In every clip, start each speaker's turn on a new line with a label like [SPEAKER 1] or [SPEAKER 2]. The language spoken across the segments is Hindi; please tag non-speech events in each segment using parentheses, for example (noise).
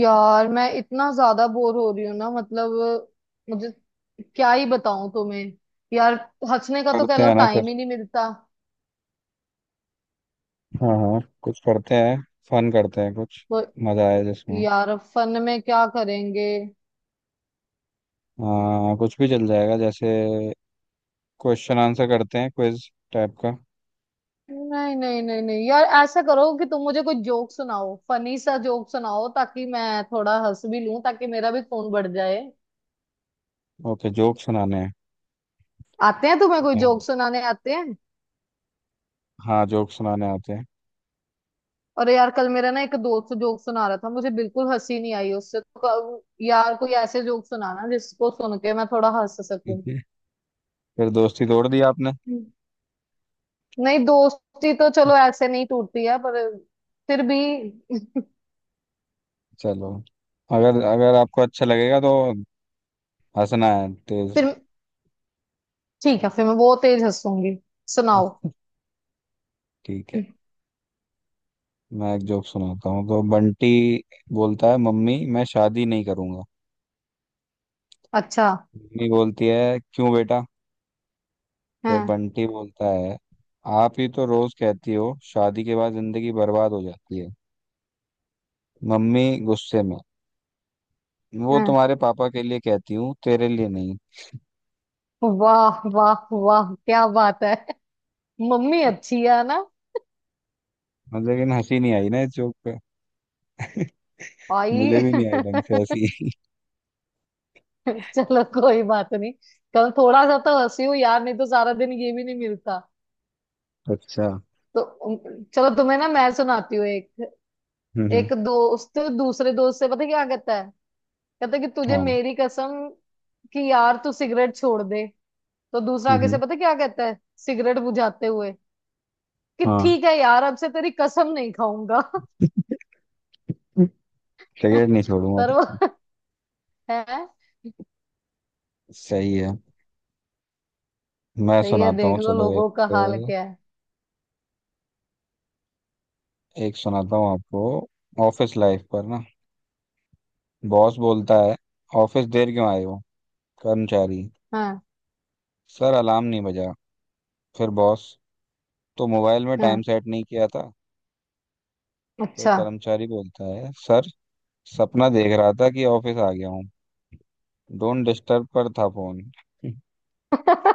[SPEAKER 1] यार मैं इतना ज्यादा बोर हो रही हूँ ना। मतलब मुझे क्या ही बताऊं तुम्हें यार। हंसने का तो कह
[SPEAKER 2] करते
[SPEAKER 1] लो,
[SPEAKER 2] हैं ना
[SPEAKER 1] टाइम
[SPEAKER 2] फिर।
[SPEAKER 1] ही नहीं मिलता।
[SPEAKER 2] हाँ हाँ, कुछ करते हैं। फन करते हैं कुछ।
[SPEAKER 1] तो
[SPEAKER 2] मजा आए जिसमें।
[SPEAKER 1] यार अब फन में क्या करेंगे?
[SPEAKER 2] हाँ कुछ भी चल जाएगा। जैसे क्वेश्चन आंसर करते हैं, क्विज टाइप का।
[SPEAKER 1] नहीं नहीं नहीं नहीं यार, ऐसा करो कि तुम मुझे कोई जोक सुनाओ, फनी सा जोक सुनाओ ताकि मैं थोड़ा हंस भी लूं, ताकि मेरा भी खून बढ़ जाए।
[SPEAKER 2] ओके, जोक सुनाने हैं।
[SPEAKER 1] आते हैं तुम्हें? कोई
[SPEAKER 2] Okay.
[SPEAKER 1] जोक सुनाने आते हैं?
[SPEAKER 2] हाँ जोक सुनाने आते हैं।
[SPEAKER 1] अरे यार, कल मेरा ना एक दोस्त जोक सुना रहा था, मुझे बिल्कुल हंसी नहीं आई उससे तो। यार कोई ऐसे जोक सुनाना जिसको सुन के मैं थोड़ा हंस
[SPEAKER 2] ठीक
[SPEAKER 1] सकूं।
[SPEAKER 2] है। फिर दोस्ती तोड़ दी आपने।
[SPEAKER 1] हम्म। नहीं, दोस्ती तो चलो ऐसे नहीं टूटती है, पर फिर भी।
[SPEAKER 2] चलो अगर अगर आपको अच्छा लगेगा तो हंसना है तेज।
[SPEAKER 1] फिर ठीक है, फिर मैं वो तेज हंसूंगी। सुनाओ।
[SPEAKER 2] ठीक है। मैं एक जोक सुनाता हूँ। तो बंटी बोलता है मम्मी मैं शादी नहीं करूंगा।
[SPEAKER 1] अच्छा।
[SPEAKER 2] मम्मी बोलती है क्यों बेटा। फिर
[SPEAKER 1] हाँ,
[SPEAKER 2] बंटी बोलता है आप ही तो रोज कहती हो शादी के बाद जिंदगी बर्बाद हो जाती है। मम्मी गुस्से में, वो
[SPEAKER 1] हाँ।
[SPEAKER 2] तुम्हारे पापा के लिए कहती हूँ तेरे लिए नहीं।
[SPEAKER 1] वाह वाह वाह, क्या बात है। मम्मी अच्छी है ना।
[SPEAKER 2] मतलब लेकिन हंसी नहीं आई ना इस जोक पे। (laughs) मुझे
[SPEAKER 1] आई।
[SPEAKER 2] भी नहीं आई ढंग से
[SPEAKER 1] (laughs)
[SPEAKER 2] हंसी।
[SPEAKER 1] चलो कोई बात नहीं। कल थोड़ा सा तो हंसी हूँ यार, नहीं तो सारा दिन ये भी नहीं मिलता।
[SPEAKER 2] (laughs) अच्छा।
[SPEAKER 1] तो चलो तुम्हें ना मैं सुनाती हूँ एक।
[SPEAKER 2] हम्म हम्म,
[SPEAKER 1] एक दोस्त दूसरे दोस्त से पता क्या कहता है? कहता है कि तुझे
[SPEAKER 2] हाँ।
[SPEAKER 1] मेरी कसम, कि यार तू सिगरेट छोड़ दे। तो दूसरा
[SPEAKER 2] हम्म
[SPEAKER 1] आगे से
[SPEAKER 2] हम्म,
[SPEAKER 1] पता क्या कहता है? सिगरेट बुझाते हुए कि
[SPEAKER 2] हाँ।
[SPEAKER 1] ठीक है यार, अब से तेरी कसम नहीं खाऊंगा। (laughs)
[SPEAKER 2] सिगरेट नहीं छोड़ूंगा
[SPEAKER 1] पर वो
[SPEAKER 2] लेकिन।
[SPEAKER 1] (laughs) है।
[SPEAKER 2] सही है। मैं
[SPEAKER 1] सही है।
[SPEAKER 2] सुनाता हूँ
[SPEAKER 1] देख लो
[SPEAKER 2] चलो एक।
[SPEAKER 1] लोगों का हाल क्या है।
[SPEAKER 2] एक सुनाता हूँ आपको। ऑफिस लाइफ पर ना, बॉस बोलता है ऑफिस देर क्यों आए हो। कर्मचारी,
[SPEAKER 1] हाँ
[SPEAKER 2] सर अलार्म नहीं बजा। फिर बॉस, तो मोबाइल में टाइम
[SPEAKER 1] हाँ।
[SPEAKER 2] सेट नहीं किया था। फिर
[SPEAKER 1] अच्छा।
[SPEAKER 2] कर्मचारी बोलता है सर, सपना देख रहा था कि ऑफिस आ गया हूँ, डोंट डिस्टर्ब पर था फोन। (laughs)
[SPEAKER 1] (laughs)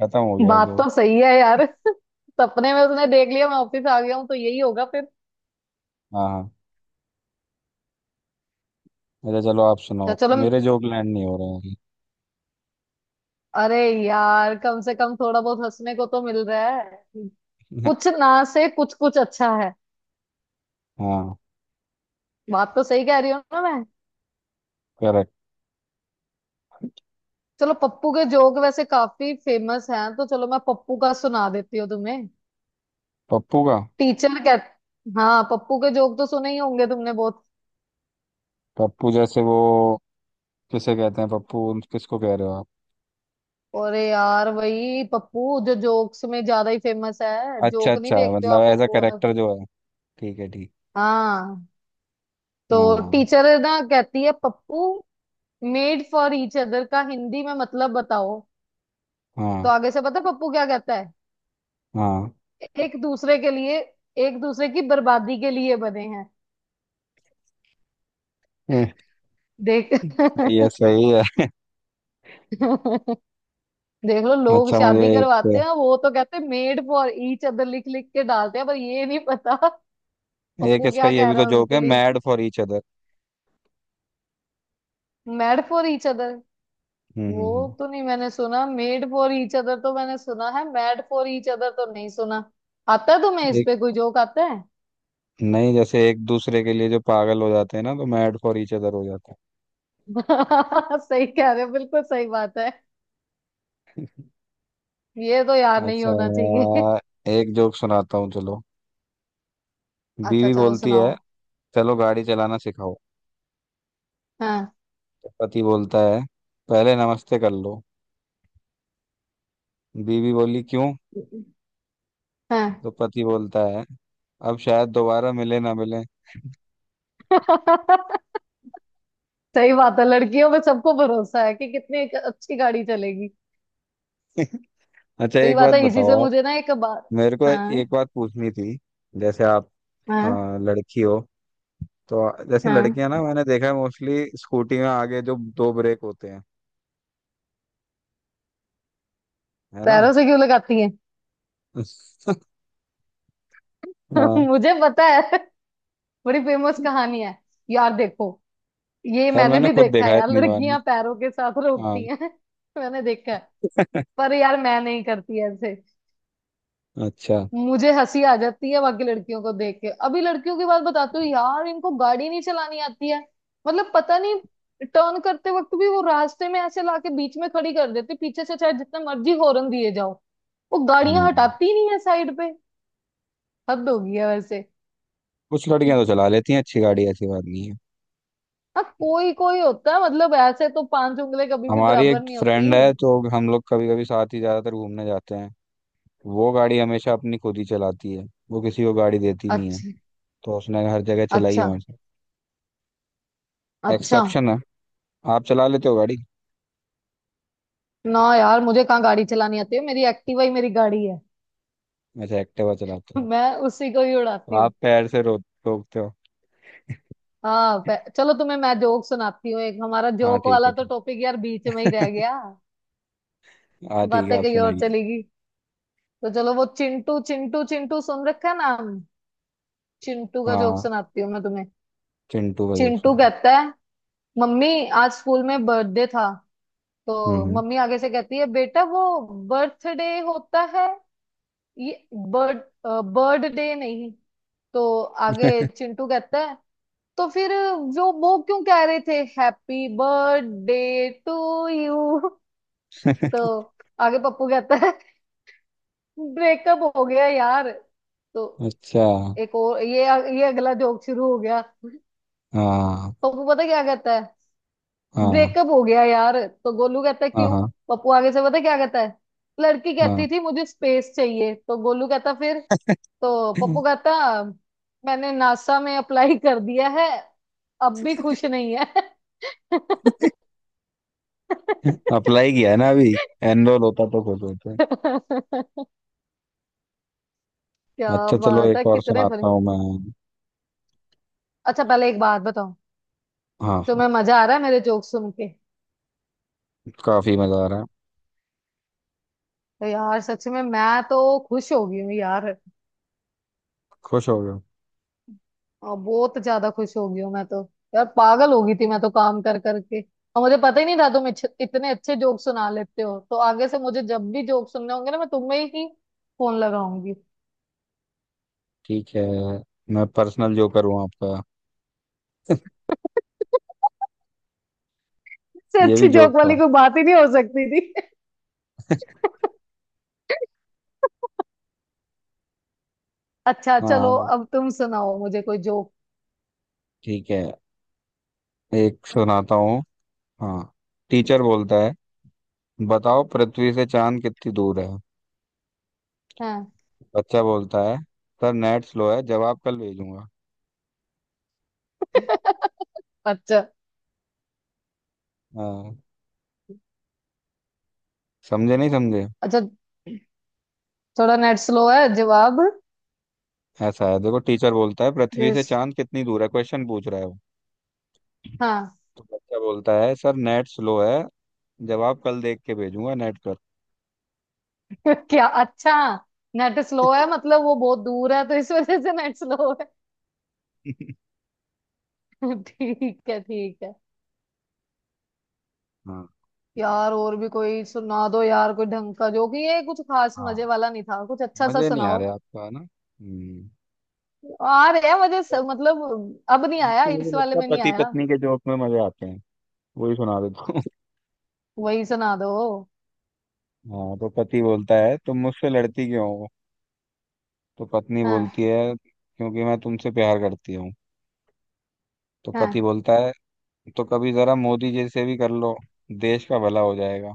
[SPEAKER 2] खत्म हो गया
[SPEAKER 1] बात
[SPEAKER 2] जोक।
[SPEAKER 1] तो सही है यार। (laughs) सपने में उसने देख लिया मैं ऑफिस आ गया हूँ, तो यही होगा।
[SPEAKER 2] हाँ हाँ। अच्छा चलो आप
[SPEAKER 1] तो
[SPEAKER 2] सुनाओ।
[SPEAKER 1] चलो।
[SPEAKER 2] मेरे जोक लैंड नहीं हो रहे
[SPEAKER 1] अरे यार कम से कम थोड़ा बहुत हंसने को तो मिल रहा है।
[SPEAKER 2] हैं।
[SPEAKER 1] कुछ ना से कुछ, कुछ अच्छा है।
[SPEAKER 2] (laughs) हाँ,
[SPEAKER 1] बात तो सही कह रही हूँ ना मैं?
[SPEAKER 2] करेक्ट।
[SPEAKER 1] चलो, पप्पू के जोक वैसे काफी फेमस हैं, तो चलो मैं पप्पू का सुना देती हूँ तुम्हें।
[SPEAKER 2] पप्पू का?
[SPEAKER 1] टीचर कह, हाँ पप्पू के जोक तो सुने ही होंगे तुमने बहुत।
[SPEAKER 2] पप्पू जैसे वो, किसे कहते हैं पप्पू, किसको कह रहे हो आप?
[SPEAKER 1] अरे यार, वही पप्पू जो जोक्स में ज्यादा ही फेमस है।
[SPEAKER 2] अच्छा
[SPEAKER 1] जोक नहीं
[SPEAKER 2] अच्छा,
[SPEAKER 1] देखते हो
[SPEAKER 2] मतलब
[SPEAKER 1] आप
[SPEAKER 2] एज अ
[SPEAKER 1] पप्पू?
[SPEAKER 2] करेक्टर जो है। ठीक है ठीक।
[SPEAKER 1] हाँ तो
[SPEAKER 2] हाँ
[SPEAKER 1] टीचर ना कहती है, Pappu made for each other का हिंदी में मतलब बताओ। तो
[SPEAKER 2] हाँ
[SPEAKER 1] आगे से पता है पप्पू क्या कहता है?
[SPEAKER 2] हाँ।
[SPEAKER 1] एक दूसरे के लिए, एक दूसरे की बर्बादी के लिए बने हैं।
[SPEAKER 2] (laughs) हम्म,
[SPEAKER 1] देख।
[SPEAKER 2] सही है
[SPEAKER 1] (laughs)
[SPEAKER 2] सही है।
[SPEAKER 1] देख लो, लोग
[SPEAKER 2] अच्छा मुझे
[SPEAKER 1] शादी
[SPEAKER 2] एक,
[SPEAKER 1] करवाते हैं वो तो कहते हैं मेड फॉर ईच अदर, लिख लिख के डालते हैं, पर ये नहीं पता। (laughs)
[SPEAKER 2] एक
[SPEAKER 1] पप्पू
[SPEAKER 2] इसका
[SPEAKER 1] क्या
[SPEAKER 2] ये
[SPEAKER 1] कह
[SPEAKER 2] भी
[SPEAKER 1] रहा
[SPEAKER 2] तो
[SPEAKER 1] है
[SPEAKER 2] जोक
[SPEAKER 1] उनके
[SPEAKER 2] है,
[SPEAKER 1] लिए।
[SPEAKER 2] Mad for each other.
[SPEAKER 1] Mad for each other.
[SPEAKER 2] हम्म हम्म हम्म।
[SPEAKER 1] वो तो नहीं मैंने सुना, मेड फॉर ईच अदर तो मैंने सुना है, मैड फॉर ईच अदर तो नहीं सुना। आता है तुम्हें? इस
[SPEAKER 2] एक
[SPEAKER 1] पे कोई जोक आता है?
[SPEAKER 2] नहीं, जैसे एक दूसरे के लिए जो पागल हो जाते हैं ना तो मैड फॉर ईच अदर हो जाते
[SPEAKER 1] (laughs) सही कह रहे हो, बिल्कुल सही बात है। ये तो यार
[SPEAKER 2] हैं।
[SPEAKER 1] नहीं
[SPEAKER 2] अच्छा
[SPEAKER 1] होना चाहिए।
[SPEAKER 2] एक जोक सुनाता हूँ चलो।
[SPEAKER 1] अच्छा
[SPEAKER 2] बीवी
[SPEAKER 1] चलो,
[SPEAKER 2] बोलती है
[SPEAKER 1] सुनाओ।
[SPEAKER 2] चलो गाड़ी चलाना सिखाओ।
[SPEAKER 1] हाँ।
[SPEAKER 2] तो पति बोलता है पहले नमस्ते कर लो। बीवी बोली क्यों।
[SPEAKER 1] हाँ।
[SPEAKER 2] तो पति बोलता है अब शायद दोबारा मिले ना मिले।
[SPEAKER 1] (laughs) सही बात है, लड़कियों में सबको भरोसा है कि कितनी एक अच्छी गाड़ी चलेगी।
[SPEAKER 2] (laughs) अच्छा
[SPEAKER 1] सही
[SPEAKER 2] एक
[SPEAKER 1] बात
[SPEAKER 2] बात
[SPEAKER 1] है। इसी
[SPEAKER 2] बताओ
[SPEAKER 1] से
[SPEAKER 2] आप।
[SPEAKER 1] मुझे ना एक बार।
[SPEAKER 2] मेरे को
[SPEAKER 1] हाँ।
[SPEAKER 2] एक बात पूछनी थी। जैसे आप
[SPEAKER 1] हाँ।
[SPEAKER 2] लड़की हो तो, जैसे
[SPEAKER 1] हाँ,
[SPEAKER 2] लड़कियां ना मैंने देखा है मोस्टली स्कूटी में आगे जो दो ब्रेक होते हैं, है ना।
[SPEAKER 1] पैरों से क्यों लगाती है?
[SPEAKER 2] (laughs) हाँ,
[SPEAKER 1] (laughs) मुझे पता है, बड़ी फेमस कहानी है यार, देखो। ये
[SPEAKER 2] यार
[SPEAKER 1] मैंने
[SPEAKER 2] मैंने
[SPEAKER 1] भी
[SPEAKER 2] खुद
[SPEAKER 1] देखा
[SPEAKER 2] देखा
[SPEAKER 1] है
[SPEAKER 2] है
[SPEAKER 1] यार,
[SPEAKER 2] इतनी बार ना।
[SPEAKER 1] लड़कियां पैरों के साथ
[SPEAKER 2] हाँ।
[SPEAKER 1] रोकती हैं। (laughs) मैंने देखा है। पर
[SPEAKER 2] (laughs)
[SPEAKER 1] यार मैं नहीं करती ऐसे।
[SPEAKER 2] अच्छा।
[SPEAKER 1] मुझे हंसी आ जाती है बाकी लड़कियों को देख के। अभी लड़कियों की बात बताती हूँ यार, इनको गाड़ी नहीं चलानी आती है। मतलब पता नहीं। टर्न करते वक्त भी वो रास्ते में ऐसे लाके बीच में खड़ी कर देती, पीछे से चाहे जितना मर्जी हॉर्न दिए जाओ। वो गाड़ियां
[SPEAKER 2] हम्म।
[SPEAKER 1] हटाती नहीं है साइड पे। हद हो गई है वैसे।
[SPEAKER 2] कुछ लड़कियां तो चला लेती हैं अच्छी गाड़ी, ऐसी बात नहीं है।
[SPEAKER 1] हाँ, कोई कोई होता है, मतलब ऐसे तो पांच उंगली कभी भी
[SPEAKER 2] हमारी
[SPEAKER 1] बराबर
[SPEAKER 2] एक
[SPEAKER 1] नहीं होती।
[SPEAKER 2] फ्रेंड है तो हम लोग कभी कभी साथ ही ज्यादातर घूमने जाते हैं। वो गाड़ी हमेशा अपनी खुद ही चलाती है। वो किसी को गाड़ी देती नहीं है।
[SPEAKER 1] अच्छा।
[SPEAKER 2] तो उसने हर जगह चलाई है
[SPEAKER 1] अच्छा।
[SPEAKER 2] वहां से।
[SPEAKER 1] अच्छा।
[SPEAKER 2] एक्सेप्शन है। आप चला लेते हो गाड़ी?
[SPEAKER 1] ना यार, मुझे कहाँ गाड़ी चलानी आती है, मेरी एक्टिवा ही मेरी गाड़ी है।
[SPEAKER 2] अच्छा एक्टिवा
[SPEAKER 1] (laughs)
[SPEAKER 2] चलाते हो।
[SPEAKER 1] मैं उसी को ही उड़ाती।
[SPEAKER 2] आप पैर से रो रोकते हो?
[SPEAKER 1] हाँ। चलो तुम्हें मैं जोक सुनाती हूँ एक, हमारा
[SPEAKER 2] हाँ
[SPEAKER 1] जोक
[SPEAKER 2] ठीक
[SPEAKER 1] वाला
[SPEAKER 2] है
[SPEAKER 1] तो
[SPEAKER 2] ठीक।
[SPEAKER 1] टॉपिक यार बीच में ही रह
[SPEAKER 2] (laughs)
[SPEAKER 1] गया।
[SPEAKER 2] हाँ ठीक है
[SPEAKER 1] बातें
[SPEAKER 2] आप
[SPEAKER 1] कहीं और
[SPEAKER 2] सुनाइए।
[SPEAKER 1] चलेगी। तो चलो, वो चिंटू चिंटू चिंटू सुन रखा है नाम? चिंटू का जोक
[SPEAKER 2] हाँ
[SPEAKER 1] सुनाती हूँ मैं तुम्हें।
[SPEAKER 2] चिंटू का जोक
[SPEAKER 1] चिंटू
[SPEAKER 2] सुनाइए।
[SPEAKER 1] कहता है, मम्मी आज स्कूल में बर्थडे था। तो
[SPEAKER 2] हम्म
[SPEAKER 1] मम्मी आगे से कहती है, बेटा वो बर्थडे होता है ये, बर्थ बर्थडे नहीं। तो आगे
[SPEAKER 2] हम्म।
[SPEAKER 1] चिंटू कहता है, तो फिर जो वो क्यों कह रहे थे हैप्पी बर्थडे टू यू? तो
[SPEAKER 2] (laughs)
[SPEAKER 1] आगे पप्पू कहता है, ब्रेकअप हो गया यार। तो
[SPEAKER 2] अच्छा।
[SPEAKER 1] एक और, ये अगला जोक शुरू हो गया।
[SPEAKER 2] हाँ
[SPEAKER 1] पप्पू पता क्या कहता है?
[SPEAKER 2] हाँ
[SPEAKER 1] ब्रेकअप हो गया यार। तो गोलू कहता है
[SPEAKER 2] हाँ
[SPEAKER 1] क्यों।
[SPEAKER 2] हाँ।
[SPEAKER 1] पप्पू आगे से पता क्या कहता है? लड़की कहती
[SPEAKER 2] हाँ
[SPEAKER 1] थी मुझे स्पेस चाहिए। तो गोलू कहता फिर? तो पप्पू कहता, मैंने नासा में अप्लाई कर दिया है, अब भी खुश नहीं है। (laughs)
[SPEAKER 2] अप्लाई किया है ना अभी, एनरोल होता तो खुश होते।
[SPEAKER 1] क्या
[SPEAKER 2] अच्छा चलो
[SPEAKER 1] बात है
[SPEAKER 2] एक और
[SPEAKER 1] कितने
[SPEAKER 2] सुनाता हूँ
[SPEAKER 1] फनी।
[SPEAKER 2] मैं।
[SPEAKER 1] अच्छा पहले एक बात बताओ,
[SPEAKER 2] हाँ
[SPEAKER 1] तुम्हें
[SPEAKER 2] हाँ,
[SPEAKER 1] मजा आ रहा है मेरे जोक सुन के?
[SPEAKER 2] काफी मजा आ रहा है।
[SPEAKER 1] तो यार सच में मैं तो खुश हो गई हूँ यार,
[SPEAKER 2] खुश हो गए?
[SPEAKER 1] और बहुत ज्यादा खुश हो गई हूँ मैं तो। यार पागल हो गई थी मैं तो काम कर करके, और मुझे पता ही नहीं था तुम इतने अच्छे जोक सुना लेते हो, तो आगे से मुझे जब भी जोक सुनने होंगे ना मैं तुम्हें ही फोन लगाऊंगी।
[SPEAKER 2] ठीक है, मैं पर्सनल जोकर हूँ आपका।
[SPEAKER 1] (laughs) इससे
[SPEAKER 2] ये भी
[SPEAKER 1] अच्छी जोक
[SPEAKER 2] जोक था।
[SPEAKER 1] वाली कोई बात ही नहीं हो सकती थी। (laughs) अच्छा चलो,
[SPEAKER 2] हाँ
[SPEAKER 1] अब तुम सुनाओ मुझे कोई जोक।
[SPEAKER 2] ठीक है, एक सुनाता हूँ। हाँ टीचर बोलता है बताओ पृथ्वी से चांद कितनी दूर है।
[SPEAKER 1] हाँ।
[SPEAKER 2] बच्चा बोलता है सर नेट स्लो है जवाब कल भेजूंगा।
[SPEAKER 1] (laughs) अच्छा।
[SPEAKER 2] हाँ। समझे नहीं समझे?
[SPEAKER 1] अच्छा, थोड़ा नेट स्लो है जवाब।
[SPEAKER 2] ऐसा है देखो, टीचर बोलता है पृथ्वी से
[SPEAKER 1] यस।
[SPEAKER 2] चांद कितनी दूर है, क्वेश्चन पूछ रहा है वो।
[SPEAKER 1] हाँ।
[SPEAKER 2] तो बच्चा बोलता है सर नेट स्लो है, जवाब कल देख के भेजूंगा नेट पर।
[SPEAKER 1] (laughs) क्या अच्छा, नेट स्लो है मतलब वो बहुत दूर है, तो इस वजह से नेट स्लो है।
[SPEAKER 2] (laughs)
[SPEAKER 1] (laughs) ठीक है ठीक है।
[SPEAKER 2] हाँ
[SPEAKER 1] यार और भी कोई सुना दो यार, कोई ढंग का, जो कि ये कुछ खास मजे
[SPEAKER 2] हाँ।
[SPEAKER 1] वाला नहीं था, कुछ अच्छा सा
[SPEAKER 2] मजे नहीं आ
[SPEAKER 1] सुनाओ।
[SPEAKER 2] रहे आपको है ना हम्म?
[SPEAKER 1] आ रहे हैं मुझे
[SPEAKER 2] तो
[SPEAKER 1] सब, मतलब अब नहीं आया,
[SPEAKER 2] तो मुझे
[SPEAKER 1] इस वाले
[SPEAKER 2] लगता है
[SPEAKER 1] में नहीं
[SPEAKER 2] पति
[SPEAKER 1] आया।
[SPEAKER 2] पत्नी के जोक में मजे आते हैं, वही सुना देता हूँ। (laughs)
[SPEAKER 1] वही सुना दो।
[SPEAKER 2] हाँ तो पति बोलता है तुम मुझसे लड़ती क्यों हो। तो पत्नी
[SPEAKER 1] हाँ
[SPEAKER 2] बोलती है क्योंकि मैं तुमसे प्यार करती हूँ। तो पति
[SPEAKER 1] हाँ।
[SPEAKER 2] बोलता है, तो कभी जरा मोदी जी से भी कर लो, देश का भला हो जाएगा।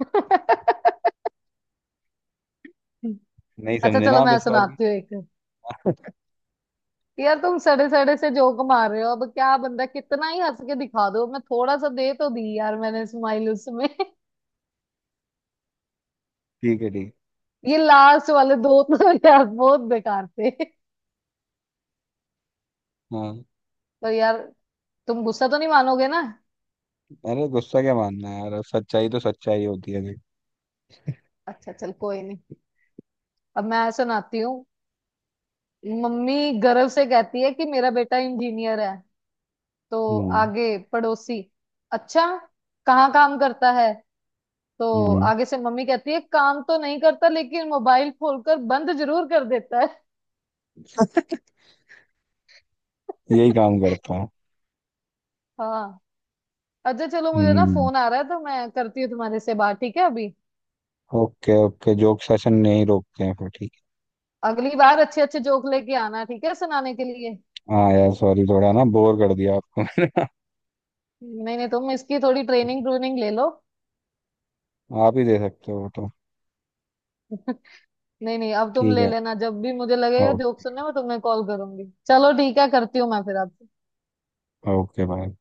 [SPEAKER 1] (laughs)
[SPEAKER 2] नहीं
[SPEAKER 1] अच्छा
[SPEAKER 2] समझे ना
[SPEAKER 1] चलो
[SPEAKER 2] आप
[SPEAKER 1] मैं
[SPEAKER 2] इस बार भी।
[SPEAKER 1] सुनाती हूँ एक।
[SPEAKER 2] (laughs)
[SPEAKER 1] यार तुम सड़े सड़े से जोक मार रहे हो, अब क्या बंदा कितना ही हंस के दिखा दो, मैं थोड़ा सा दे तो दी यार मैंने स्माइल उसमें।
[SPEAKER 2] ठीक है ठीक।
[SPEAKER 1] ये लास्ट वाले दो तो (laughs) यार बहुत बेकार थे।
[SPEAKER 2] हाँ,
[SPEAKER 1] तो यार तुम गुस्सा तो नहीं मानोगे ना?
[SPEAKER 2] अरे गुस्सा क्या मानना है यार, सच्चाई तो सच्चाई होती है देख।
[SPEAKER 1] अच्छा चल, कोई नहीं। अब मैं सुनाती हूँ। मम्मी गर्व से कहती है कि मेरा बेटा इंजीनियर है। तो
[SPEAKER 2] हम्म।
[SPEAKER 1] आगे पड़ोसी। अच्छा, कहाँ काम करता है? तो
[SPEAKER 2] हम्म,
[SPEAKER 1] आगे से मम्मी कहती है, काम तो नहीं करता लेकिन मोबाइल खोलकर बंद जरूर कर देता है।
[SPEAKER 2] यही काम
[SPEAKER 1] (laughs)
[SPEAKER 2] करता है।
[SPEAKER 1] हाँ। अच्छा चलो, मुझे ना
[SPEAKER 2] हम्म।
[SPEAKER 1] फोन आ रहा है, तो मैं करती हूँ तुम्हारे से बात, ठीक है अभी?
[SPEAKER 2] ओके ओके, जोक सेशन नहीं रोकते हैं फिर ठीक
[SPEAKER 1] अगली बार अच्छे अच्छे जोक लेके आना, ठीक है, सुनाने के लिए।
[SPEAKER 2] है। हाँ यार सॉरी थोड़ा ना बोर कर दिया आपको मैंने।
[SPEAKER 1] नहीं नहीं, तुम इसकी थोड़ी ट्रेनिंग ट्रूनिंग ले लो।
[SPEAKER 2] (laughs) आप ही दे सकते हो वो तो।
[SPEAKER 1] (laughs) नहीं नहीं, अब तुम
[SPEAKER 2] ठीक
[SPEAKER 1] ले
[SPEAKER 2] है।
[SPEAKER 1] लेना, जब भी मुझे लगेगा जोक
[SPEAKER 2] ओके।
[SPEAKER 1] सुनने में तुम्हें कॉल करूंगी। चलो ठीक है, करती हूँ मैं फिर आपसे।
[SPEAKER 2] Okay bye.